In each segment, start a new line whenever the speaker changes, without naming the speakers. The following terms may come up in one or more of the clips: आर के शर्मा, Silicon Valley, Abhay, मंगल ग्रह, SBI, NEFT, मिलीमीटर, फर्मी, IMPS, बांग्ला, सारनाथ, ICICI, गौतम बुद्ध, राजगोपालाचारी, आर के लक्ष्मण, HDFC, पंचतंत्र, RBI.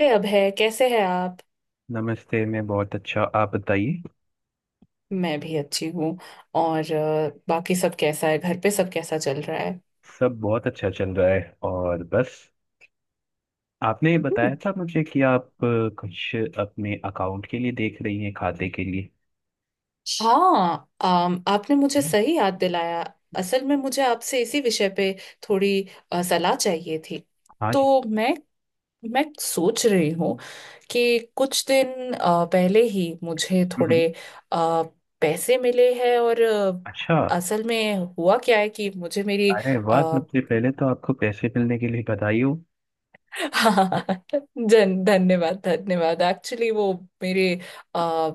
अरे अभय, कैसे हैं आप।
नमस्ते। मैं बहुत अच्छा, आप बताइए।
मैं भी अच्छी हूँ। और बाकी सब कैसा है, घर पे सब कैसा चल रहा है।
सब बहुत अच्छा चल रहा है। और बस आपने
हम्म।
बताया था मुझे कि आप कुछ अपने अकाउंट के लिए देख रही हैं, खाते के लिए।
हाँ, आपने मुझे सही याद दिलाया। असल में मुझे आपसे इसी विषय पे थोड़ी सलाह चाहिए थी।
हाँ जी।
तो मैं सोच रही हूँ कि कुछ दिन पहले ही मुझे
हम्म,
थोड़े अ, पैसे मिले हैं और
अच्छा।
असल में हुआ क्या है कि मुझे मेरी
अरे वाह, सबसे पहले तो आपको पैसे मिलने के लिए बधाई हो।
हाँ। जन धन्यवाद धन्यवाद एक्चुअली वो मेरे आ,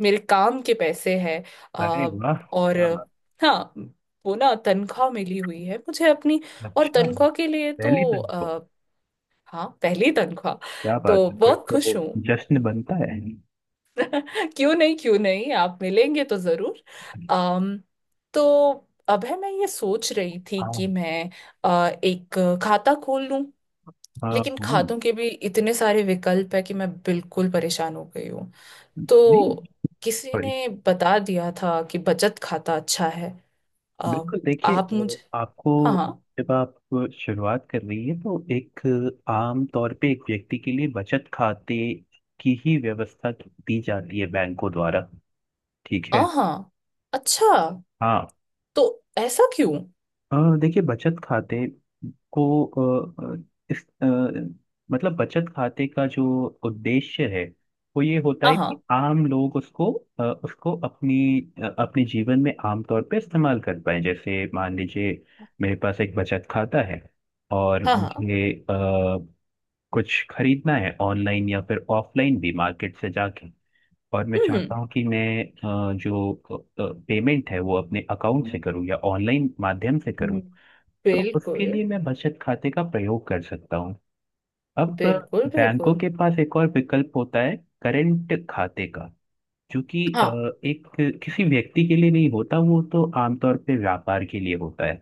मेरे काम के पैसे हैं।
अरे
आ,
वाह,
और
क्या बात।
हाँ, वो ना तनख्वाह मिली हुई है मुझे अपनी। और
अच्छा,
तनख्वाह के लिए
पहली
तो
दिन को।
हाँ, पहली तनख्वाह।
क्या बात
तो
है, फिर
बहुत
तो
खुश हूँ।
जश्न बनता है।
क्यों नहीं, क्यों नहीं, आप मिलेंगे तो जरूर। अम तो अब है, मैं ये सोच रही थी
हाँ
कि मैं एक खाता खोल।
हाँ
लेकिन
हाँ।
खातों के भी इतने सारे विकल्प है कि मैं बिल्कुल परेशान हो गई हूँ। तो
नहीं,
किसी ने बता दिया था कि बचत खाता अच्छा है। आ,
बिल्कुल देखिए,
आप मुझे।
आपको
हाँ हाँ।
जब आप शुरुआत कर रही है तो एक, आम तौर पे एक व्यक्ति के लिए बचत खाते की ही व्यवस्था दी जाती है बैंकों द्वारा। ठीक
हाँ
है।
हाँ। अच्छा,
हाँ,
तो ऐसा क्यों।
अ, देखिए बचत खाते को इस अ, मतलब बचत खाते का जो उद्देश्य है, वो ये होता
हाँ
है कि
हाँ।
आम लोग उसको, उसको अपनी, अपने जीवन में आमतौर पे इस्तेमाल कर पाए। जैसे मान लीजिए मेरे पास एक बचत खाता है, और
हाँ हाँ।
मुझे कुछ खरीदना है ऑनलाइन या फिर ऑफलाइन भी मार्केट से जाके, और मैं
हम्म।
चाहता हूँ कि मैं जो पेमेंट है वो अपने अकाउंट से करूँ या ऑनलाइन माध्यम से
हम्म,
करूँ। तो
बिल्कुल।
उसके लिए मैं बचत खाते का प्रयोग कर सकता हूँ। अब
बिल्कुल
बैंकों
बिल्कुल।
के पास एक और विकल्प होता है, करंट खाते का, जो कि
हाँ।
एक किसी व्यक्ति के लिए नहीं होता, वो तो आमतौर पे व्यापार के लिए होता है।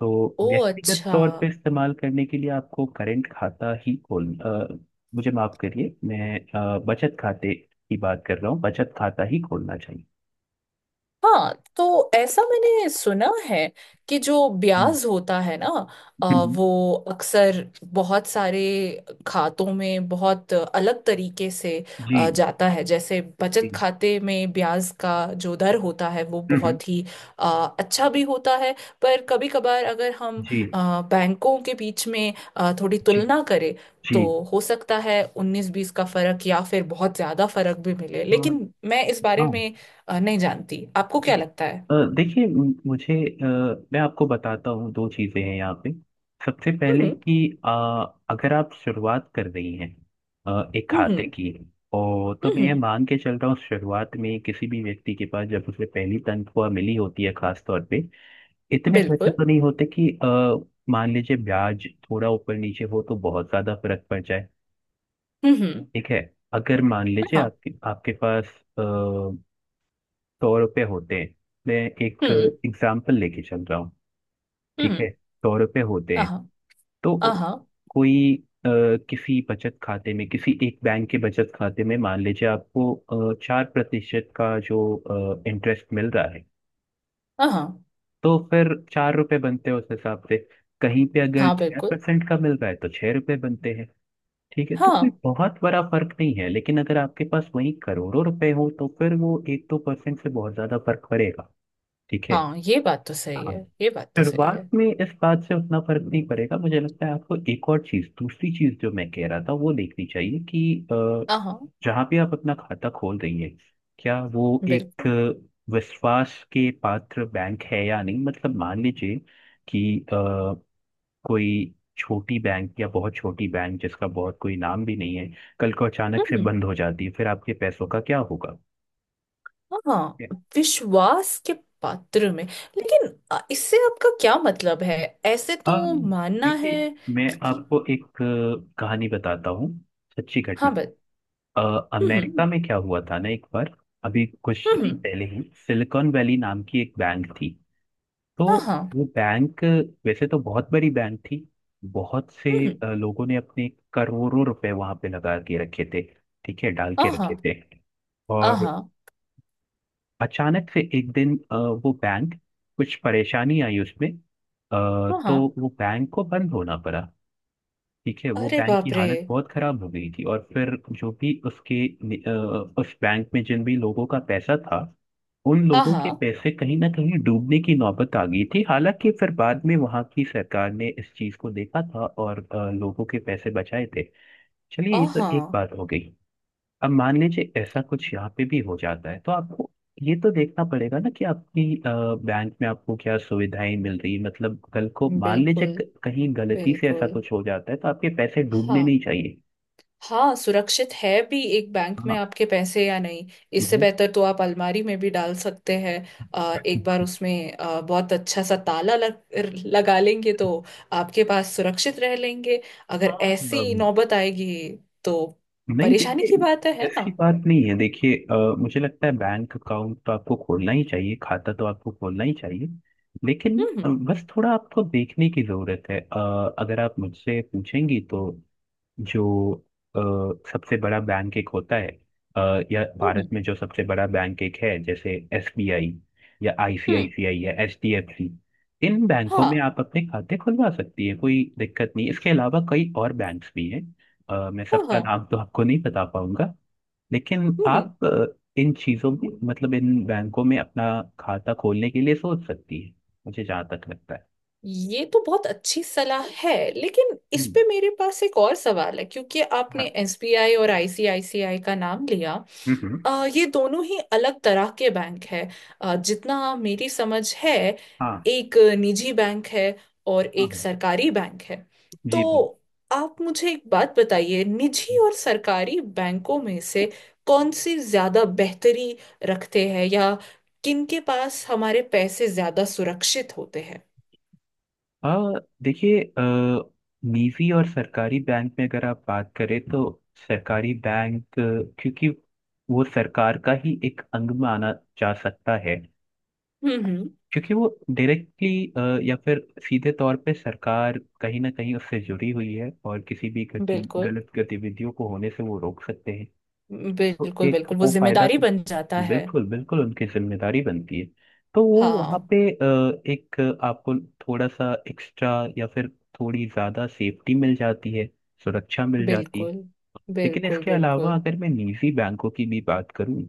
तो
ओ
व्यक्तिगत
अच्छा।
तौर पे इस्तेमाल करने के लिए आपको करंट खाता ही खोल मुझे माफ करिए, मैं बचत खाते की बात कर रहा हूँ, बचत खाता ही खोलना चाहिए।
हाँ, तो ऐसा मैंने सुना है कि जो
हम्म,
ब्याज होता है ना, अ,
हम्म,
वो अक्सर बहुत सारे खातों में बहुत अलग तरीके से
जी
जाता है। जैसे
जी
बचत खाते में ब्याज का जो दर होता है वो
हम्म, हम्म,
बहुत ही अ, अच्छा भी होता है, पर कभी कभार अगर हम
जी
बैंकों के बीच में थोड़ी
जी
तुलना करें,
जी।
तो हो सकता है उन्नीस बीस का फर्क या फिर बहुत ज्यादा फर्क भी मिले,
तो
लेकिन मैं इस बारे
हाँ
में नहीं जानती, आपको क्या
जी,
लगता है।
देखिए मुझे, अ, मैं आपको बताता हूँ, दो चीज़ें हैं यहाँ पे। सबसे पहले
हम्म
कि अ, अगर आप शुरुआत कर रही हैं एक खाते
हम्म।
की, और तो मैं ये
हम्म
मान के चल रहा हूँ शुरुआत में किसी भी व्यक्ति के पास जब उसे पहली तनख्वाह मिली होती है खास तौर पे, इतने पैसे
बिल्कुल।
तो नहीं होते कि मान लीजिए ब्याज थोड़ा ऊपर नीचे हो तो बहुत ज्यादा फर्क पड़ जाए।
हम्म हम्म,
ठीक है, अगर मान लीजिए
हाँ।
आपके आपके पास सौ रुपये होते हैं, मैं एक
हम्म
एग्जाम्पल लेके चल रहा हूँ। ठीक
हम्म।
है, सौ रुपये होते
हाँ
हैं,
हाँ।
तो
हाँ
कोई अ, किसी बचत खाते में, किसी एक बैंक के बचत खाते में मान लीजिए आपको चार प्रतिशत का जो इंटरेस्ट मिल रहा है, तो फिर चार रुपये बनते हैं उस हिसाब से। कहीं पे अगर
हाँ,
छह
बिल्कुल।
परसेंट का मिल रहा है, तो छह रुपये बनते हैं। ठीक है, तो कोई
हाँ
बहुत बड़ा फर्क नहीं है। लेकिन अगर आपके पास वही करोड़ों रुपए हो, तो फिर वो एक दो परसेंट से बहुत ज्यादा फर्क पड़ेगा। ठीक है,
हाँ, ये बात तो सही
हाँ।
है, ये बात तो सही
शुरुआत
है।
में इस बात से उतना फर्क नहीं पड़ेगा, मुझे लगता है। आपको एक और चीज, दूसरी चीज जो मैं कह रहा था वो देखनी चाहिए कि अ,
हाँ
जहाँ भी आप अपना खाता खोल रही है, क्या वो एक
बिल्कुल।
विश्वास के पात्र बैंक है या नहीं। मतलब मान लीजिए कि कोई छोटी बैंक या बहुत छोटी बैंक जिसका बहुत कोई नाम भी नहीं है, कल को अचानक से
हम्म।
बंद हो जाती है, फिर आपके पैसों का क्या होगा।
हाँ, विश्वास के पात्र में। लेकिन इससे आपका क्या मतलब है, ऐसे
हाँ
तो मानना
देखिए,
है
मैं
कि, कि।
आपको एक कहानी बताता हूँ, सच्ची घटना।
हाँ, बस।
अमेरिका
हम्म
में क्या हुआ था ना एक बार, अभी कुछ टाइम
हम्म।
पहले ही, सिलिकॉन वैली नाम की एक बैंक थी। तो
हाँ हाँ।
वो बैंक वैसे तो बहुत बड़ी बैंक थी, बहुत से
हम्म।
लोगों ने अपने करोड़ों रुपए वहां पे लगा के रखे थे। ठीक है, डाल के रखे
हाँ
थे। और
हाँ
अचानक से एक दिन वो बैंक, कुछ परेशानी आई उसमें तो
हाँ।
वो बैंक को बंद होना पड़ा। ठीक है, वो
अरे
बैंक की
बाप रे।
हालत बहुत खराब हो गई थी, और फिर जो भी उसके नि- अ, उस बैंक में जिन भी लोगों का पैसा था, उन
हाँ
लोगों के
हाँ।
पैसे कहीं ना कहीं डूबने की नौबत आ गई थी। हालांकि फिर बाद में वहां की सरकार ने इस चीज को देखा था, और लोगों के पैसे बचाए थे। चलिए,
हाँ
ये तो एक
हाँ,
बात हो गई। अब मान लीजिए ऐसा कुछ यहाँ पे भी हो जाता है, तो आपको ये तो देखना पड़ेगा ना कि आपकी बैंक में आपको क्या सुविधाएं मिल रही है। मतलब कल को मान लीजिए
बिल्कुल
कहीं गलती से ऐसा
बिल्कुल।
कुछ हो जाता है तो आपके पैसे डूबने
हाँ।
नहीं चाहिए।
हाँ, सुरक्षित है भी एक बैंक में
हाँ,
आपके पैसे या नहीं। इससे
मैं-
बेहतर तो आप अलमारी में भी डाल सकते हैं। एक बार उसमें बहुत अच्छा सा ताला लगा लेंगे तो आपके पास सुरक्षित रह लेंगे, अगर
हाँ,
ऐसी
अम,
नौबत आएगी तो।
नहीं
परेशानी की बात है
देखिए
है ना।
ऐसी बात नहीं है। देखिए, मुझे लगता है बैंक अकाउंट तो आपको खोलना ही चाहिए, खाता तो आपको खोलना ही चाहिए। लेकिन
हम्म
बस थोड़ा आपको देखने की जरूरत है। अगर आप मुझसे पूछेंगी तो जो अ, सबसे बड़ा बैंक एक होता है, अ, या
हम्म।
भारत में जो सबसे बड़ा बैंक एक है, जैसे एसबीआई या
हम्म,
आईसीआईसीआई या एचडीएफसी, इन बैंकों में
हाँ
आप अपने खाते खुलवा सकती है, कोई दिक्कत नहीं। इसके अलावा कई और बैंक्स भी हैं, मैं
हाँ
सबका
हाँ।
नाम तो आपको नहीं बता पाऊंगा, लेकिन
हम्म।
आप इन चीजों में, मतलब इन बैंकों में अपना खाता खोलने के लिए सोच सकती है, मुझे जहाँ तक लगता है।
ये तो बहुत अच्छी सलाह है, लेकिन इस
हम्म,
पे मेरे पास एक और सवाल है क्योंकि आपने
हाँ,
एसबीआई और आईसीआईसीआई का नाम लिया।
हम्म हम्म,
ये दोनों ही अलग तरह के बैंक है। जितना मेरी समझ है,
हाँ,
एक निजी बैंक है और एक
हाँ
सरकारी बैंक है।
जी
तो आप मुझे एक बात बताइए, निजी
बिल्कुल।
और सरकारी बैंकों में से कौन सी ज्यादा बेहतरी रखते हैं, या किनके पास हमारे पैसे ज्यादा सुरक्षित होते हैं।
आ, देखिए निजी और सरकारी बैंक में अगर आप बात करें, तो सरकारी बैंक क्योंकि वो सरकार का ही एक अंग माना जा सकता है,
हम्म।
क्योंकि वो डायरेक्टली या फिर सीधे तौर पे सरकार कहीं ना कहीं उससे जुड़ी हुई है, और किसी भी गति
बिल्कुल
गलत गतिविधियों को होने से वो रोक सकते हैं। तो
बिल्कुल
एक
बिल्कुल, वो
वो फायदा
जिम्मेदारी
तो,
बन जाता है।
बिल्कुल बिल्कुल उनकी जिम्मेदारी बनती है। तो वो वहाँ
हाँ
पे एक आपको थोड़ा सा एक्स्ट्रा या फिर थोड़ी ज्यादा सेफ्टी मिल जाती है, सुरक्षा मिल जाती है।
बिल्कुल
लेकिन
बिल्कुल
इसके अलावा
बिल्कुल।
अगर मैं निजी बैंकों की भी बात करूँ,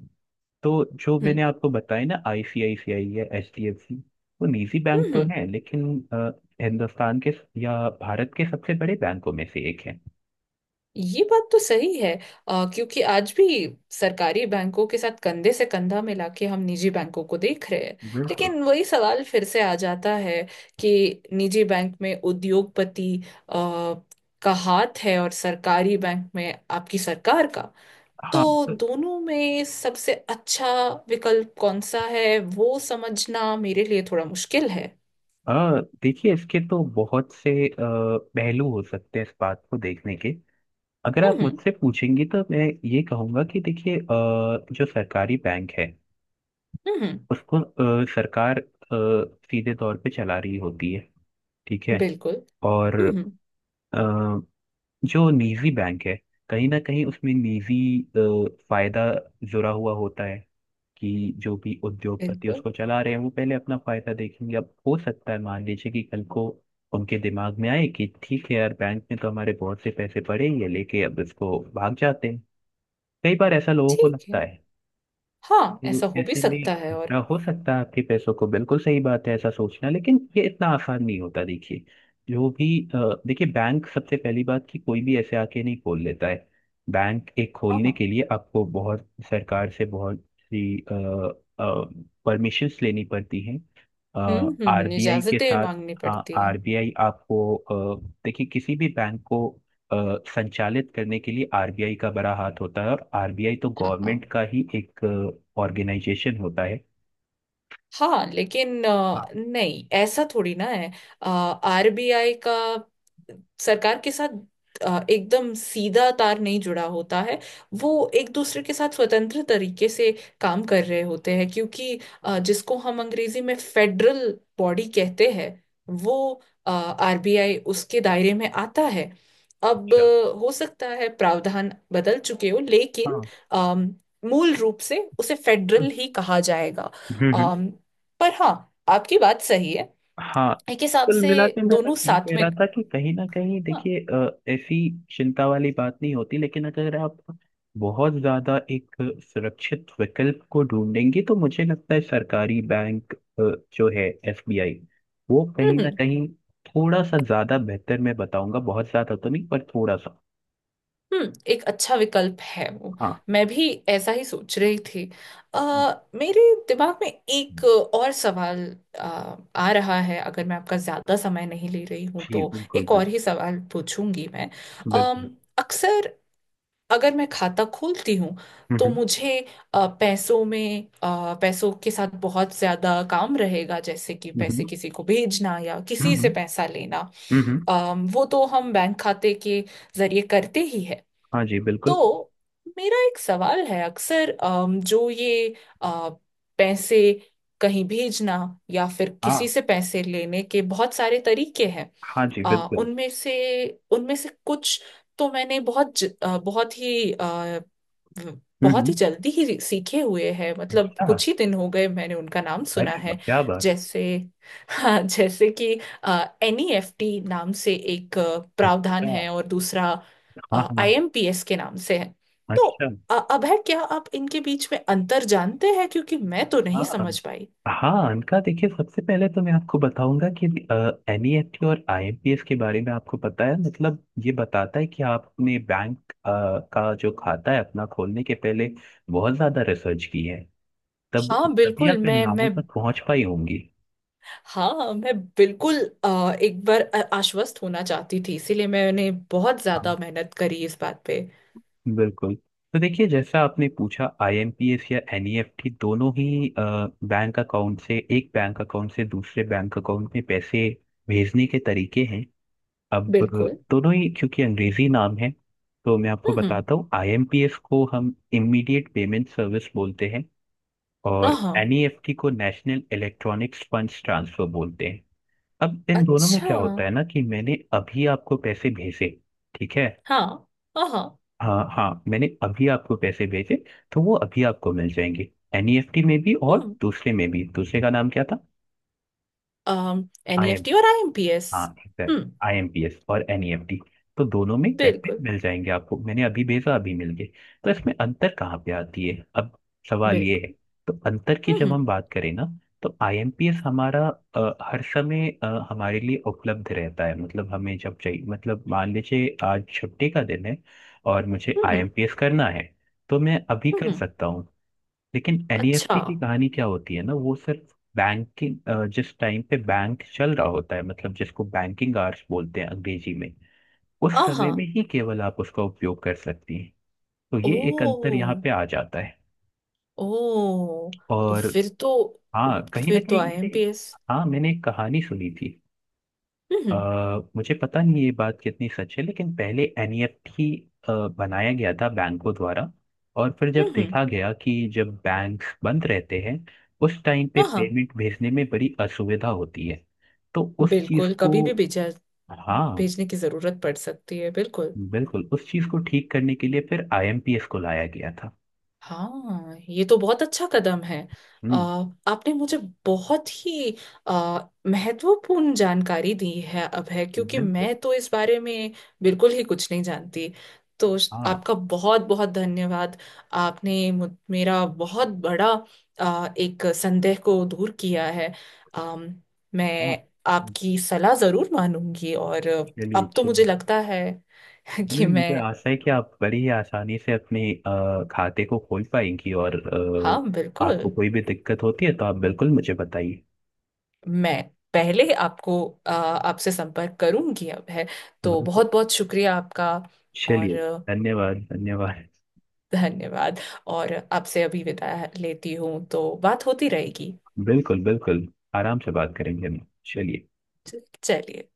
तो जो
हम्म
मैंने आपको बताया ना, आईसीआईसीआई या एचडीएफसी, वो निजी बैंक
हम्म।
तो है, लेकिन अ, हिंदुस्तान के या भारत के सबसे बड़े बैंकों में से एक है।
ये बात तो सही है। क्योंकि आज भी सरकारी बैंकों के साथ कंधे से कंधा मिला के हम निजी बैंकों को देख रहे हैं।
बिल्कुल,
लेकिन वही सवाल फिर से आ जाता है कि निजी बैंक में उद्योगपति अ, का हाथ है और सरकारी बैंक में आपकी सरकार का।
हाँ,
तो
तो
दोनों में सबसे अच्छा विकल्प कौन सा है, वो समझना मेरे लिए थोड़ा मुश्किल है।
आ, देखिए इसके तो बहुत से पहलू हो सकते हैं इस बात को देखने के। अगर आप
हम्म
मुझसे पूछेंगी तो मैं ये कहूँगा कि देखिए, जो सरकारी बैंक है
हम्म।
उसको सरकार सीधे तौर पे चला रही होती है, ठीक है।
बिल्कुल।
और
हम्म हम्म,
अ, जो निजी बैंक है, कहीं ना कहीं उसमें निजी फायदा जुड़ा हुआ होता है, कि जो भी उद्योगपति
बिल्कुल।
उसको चला रहे हैं वो पहले अपना फायदा देखेंगे। अब हो सकता है मान लीजिए कि कल को उनके दिमाग में आए कि ठीक है यार, बैंक में तो हमारे बहुत से पैसे पड़े ही है, लेके अब इसको भाग जाते हैं। कई बार ऐसा लोगों को
ठीक
लगता
है,
है।
हाँ, ऐसा
तो
हो भी
ऐसे में
सकता है, और
खतरा हो सकता है आपके पैसों को, बिल्कुल सही बात है ऐसा सोचना। लेकिन ये इतना आसान नहीं होता, देखिए जो भी अ, देखिए बैंक, सबसे पहली बात कि कोई भी ऐसे आके नहीं खोल लेता है। बैंक एक
हाँ
खोलने
हाँ।
के लिए आपको बहुत सरकार से बहुत सी परमिशंस लेनी पड़ती हैं,
हम्म,
आरबीआई के
इजाजतें
साथ।
मांगनी
हाँ,
पड़ती है।
आरबीआई आपको देखिए किसी भी बैंक को अ, संचालित करने के लिए आरबीआई का बड़ा हाथ होता है, और आरबीआई तो गवर्नमेंट
हाँ
का ही एक ऑर्गेनाइजेशन होता है।
हाँ, लेकिन
हाँ,
नहीं, ऐसा थोड़ी ना है। आरबीआई का सरकार के साथ एकदम सीधा तार नहीं जुड़ा होता है। वो एक दूसरे के साथ स्वतंत्र तरीके से काम कर रहे होते हैं, क्योंकि जिसको हम अंग्रेजी में फेडरल बॉडी कहते हैं, वो आरबीआई उसके दायरे में आता है। अब
अच्छा,
हो सकता है प्रावधान बदल चुके हो, लेकिन
हाँ,
अम, मूल रूप से उसे
हम्म,
फेडरल ही कहा जाएगा।
हम्म हम्म,
पर हाँ, आपकी बात सही है
हाँ।
एक हिसाब
कुल
से,
मिला के मैं बस
दोनों
ये
साथ
कह
में।
रहा था कि कहीं ना कहीं
हाँ,
देखिए, ऐसी चिंता वाली बात नहीं होती। लेकिन अगर आप बहुत ज्यादा एक सुरक्षित विकल्प को ढूंढेंगे, तो मुझे लगता है सरकारी बैंक जो है एसबीआई, वो कहीं ना
हम्म।
कहीं थोड़ा सा ज्यादा बेहतर, मैं बताऊंगा बहुत ज्यादा तो नहीं पर थोड़ा सा।
एक अच्छा विकल्प है वो।
हाँ
मैं भी ऐसा ही सोच रही थी। मेरे दिमाग में एक और सवाल आ, आ रहा है। अगर मैं आपका ज्यादा समय नहीं ले रही हूं
जी
तो
बिल्कुल,
एक
बिल्कुल
और ही सवाल पूछूंगी मैं।
बिल्कुल।
अम, अक्सर अगर मैं खाता खोलती हूँ तो
हम्म
मुझे पैसों में, पैसों के साथ बहुत ज्यादा काम रहेगा, जैसे कि
हम्म
पैसे
हम्म
किसी को भेजना या
हम्म,
किसी से
हम्म,
पैसा लेना।
हम्म, हम्म।
वो तो हम बैंक खाते के जरिए करते ही है।
हाँ जी बिल्कुल।
तो मेरा एक सवाल है, अक्सर जो ये अ, पैसे कहीं भेजना या फिर किसी
हाँ,
से पैसे लेने के बहुत सारे तरीके हैं।
हाँ जी
आ,
बिल्कुल।
उनमें से उनमें से कुछ तो मैंने बहुत ज, आ, बहुत ही आ, व-
हम्म
बहुत ही
हम्म।
जल्दी ही सीखे हुए हैं, मतलब
अच्छा,
कुछ ही दिन हो गए मैंने उनका नाम सुना
अरे वाह,
है।
क्या बात।
जैसे, हाँ, जैसे कि एन ई एफ टी नाम से एक प्रावधान
अच्छा,
है और दूसरा
हाँ
आई
हाँ।
एम पी एस के नाम से है। तो
अच्छा,
अभय, क्या आप इनके बीच में अंतर जानते हैं, क्योंकि मैं तो
हाँ
नहीं समझ पाई।
हाँ, अनका देखिए सबसे पहले तो मैं आपको बताऊंगा कि एनईएफटी और आईएमपीएस के बारे में आपको पता है, मतलब ये बताता है कि आपने बैंक का जो खाता है अपना खोलने के पहले बहुत ज्यादा रिसर्च की है, तब
हाँ
तभी
बिल्कुल।
आप इन
मैं
नामों
मैं
तक पहुंच पाई होंगी।
हाँ मैं बिल्कुल एक बार आश्वस्त होना चाहती थी, इसीलिए मैंने बहुत
हाँ,
ज्यादा मेहनत करी इस बात पे।
बिल्कुल। तो देखिए, जैसा आपने पूछा, आईएमपीएस या एनईएफटी दोनों ही बैंक अकाउंट से, एक बैंक अकाउंट से दूसरे बैंक अकाउंट में पैसे भेजने के तरीके हैं। अब
बिल्कुल।
दोनों ही क्योंकि अंग्रेजी नाम है, तो मैं आपको
हम्म
बताता हूँ, आईएमपीएस को हम इमीडिएट पेमेंट सर्विस बोलते हैं, और
हाँ।
एनईएफटी को नेशनल इलेक्ट्रॉनिक्स फंड्स ट्रांसफर बोलते हैं। अब इन दोनों में
अच्छा।
क्या होता है ना कि मैंने अभी आपको पैसे भेजे, ठीक है।
हाँ हाँ।
हाँ हाँ, मैंने अभी आपको पैसे भेजे, तो वो अभी आपको मिल जाएंगे, एनईएफटी में भी और
हम्म।
दूसरे में भी। दूसरे का नाम क्या
अम
था?
एनईएफटी और आईएमपीएस।
हाँ, एग्जैक्ट,
हम्म
आईएमपीएस और एनईएफटी। तो दोनों में पैसे
बिल्कुल
मिल जाएंगे आपको, मैंने अभी भेजा अभी मिल गए। तो इसमें अंतर कहाँ पे आती है अब, सवाल ये है।
बिल्कुल।
तो अंतर की जब
हम्म
हम बात करें ना, तो आईएमपीएस हमारा हर समय हमारे लिए उपलब्ध रहता है। मतलब हमें जब चाहिए, मतलब मान लीजिए आज छुट्टी का दिन है और मुझे
हम्म।
आईएमपीएस करना है, तो मैं अभी कर
हम्म।
सकता हूँ। लेकिन
अच्छा
एनईएफटी की कहानी क्या होती है ना, वो सिर्फ बैंकिंग, जिस टाइम पे बैंक चल रहा होता है, मतलब जिसको बैंकिंग आवर्स बोलते हैं अंग्रेजी में, उस
हाँ।
समय में ही केवल आप उसका उपयोग कर सकती हैं। तो
ओ
ये एक अंतर यहाँ पे आ जाता है।
ओ, तो
और
फिर तो
हाँ, कहीं ना
फिर तो
कहीं मैंने,
आईएमपीएस।
हाँ मैंने एक कहानी सुनी थी, अ,
हम्म
मुझे पता नहीं ये बात कितनी सच है, लेकिन पहले एनईएफटी बनाया गया था बैंकों द्वारा, और फिर
हम्म।
जब देखा गया कि जब बैंक बंद रहते हैं उस टाइम पे
हाँ हाँ,
पेमेंट भेजने में बड़ी असुविधा होती है, तो उस चीज
बिल्कुल,
को,
कभी भी भेजा
हाँ
भेजने की जरूरत पड़ सकती है, बिल्कुल।
बिल्कुल, उस चीज को ठीक करने के लिए फिर आईएमपीएस को लाया गया था।
हाँ, ये तो बहुत अच्छा कदम है। अ,
हम्म,
आपने मुझे बहुत ही अ, महत्वपूर्ण जानकारी दी है अभय, क्योंकि
बिल्कुल,
मैं तो इस बारे में बिल्कुल ही कुछ नहीं जानती। तो
हाँ,
आपका बहुत बहुत धन्यवाद। आपने मेरा बहुत बड़ा एक संदेह को दूर किया है। अम,
हाँ,
मैं आपकी सलाह जरूर मानूंगी, और
चलिए
अब तो मुझे
चलिए।
लगता है
नहीं,
कि मैं।
मुझे आशा है कि आप बड़ी ही आसानी से अपने खाते को खोल पाएंगी, और
हाँ बिल्कुल,
आपको कोई भी दिक्कत होती है तो आप बिल्कुल मुझे बताइए।
मैं पहले आपसे संपर्क करूंगी, अब है। तो
बिल्कुल,
बहुत बहुत शुक्रिया आपका, और
चलिए, धन्यवाद धन्यवाद।
धन्यवाद। और आपसे अभी विदा लेती हूँ, तो बात होती रहेगी।
बिल्कुल बिल्कुल, आराम से बात करेंगे हम, चलिए।
चलिए।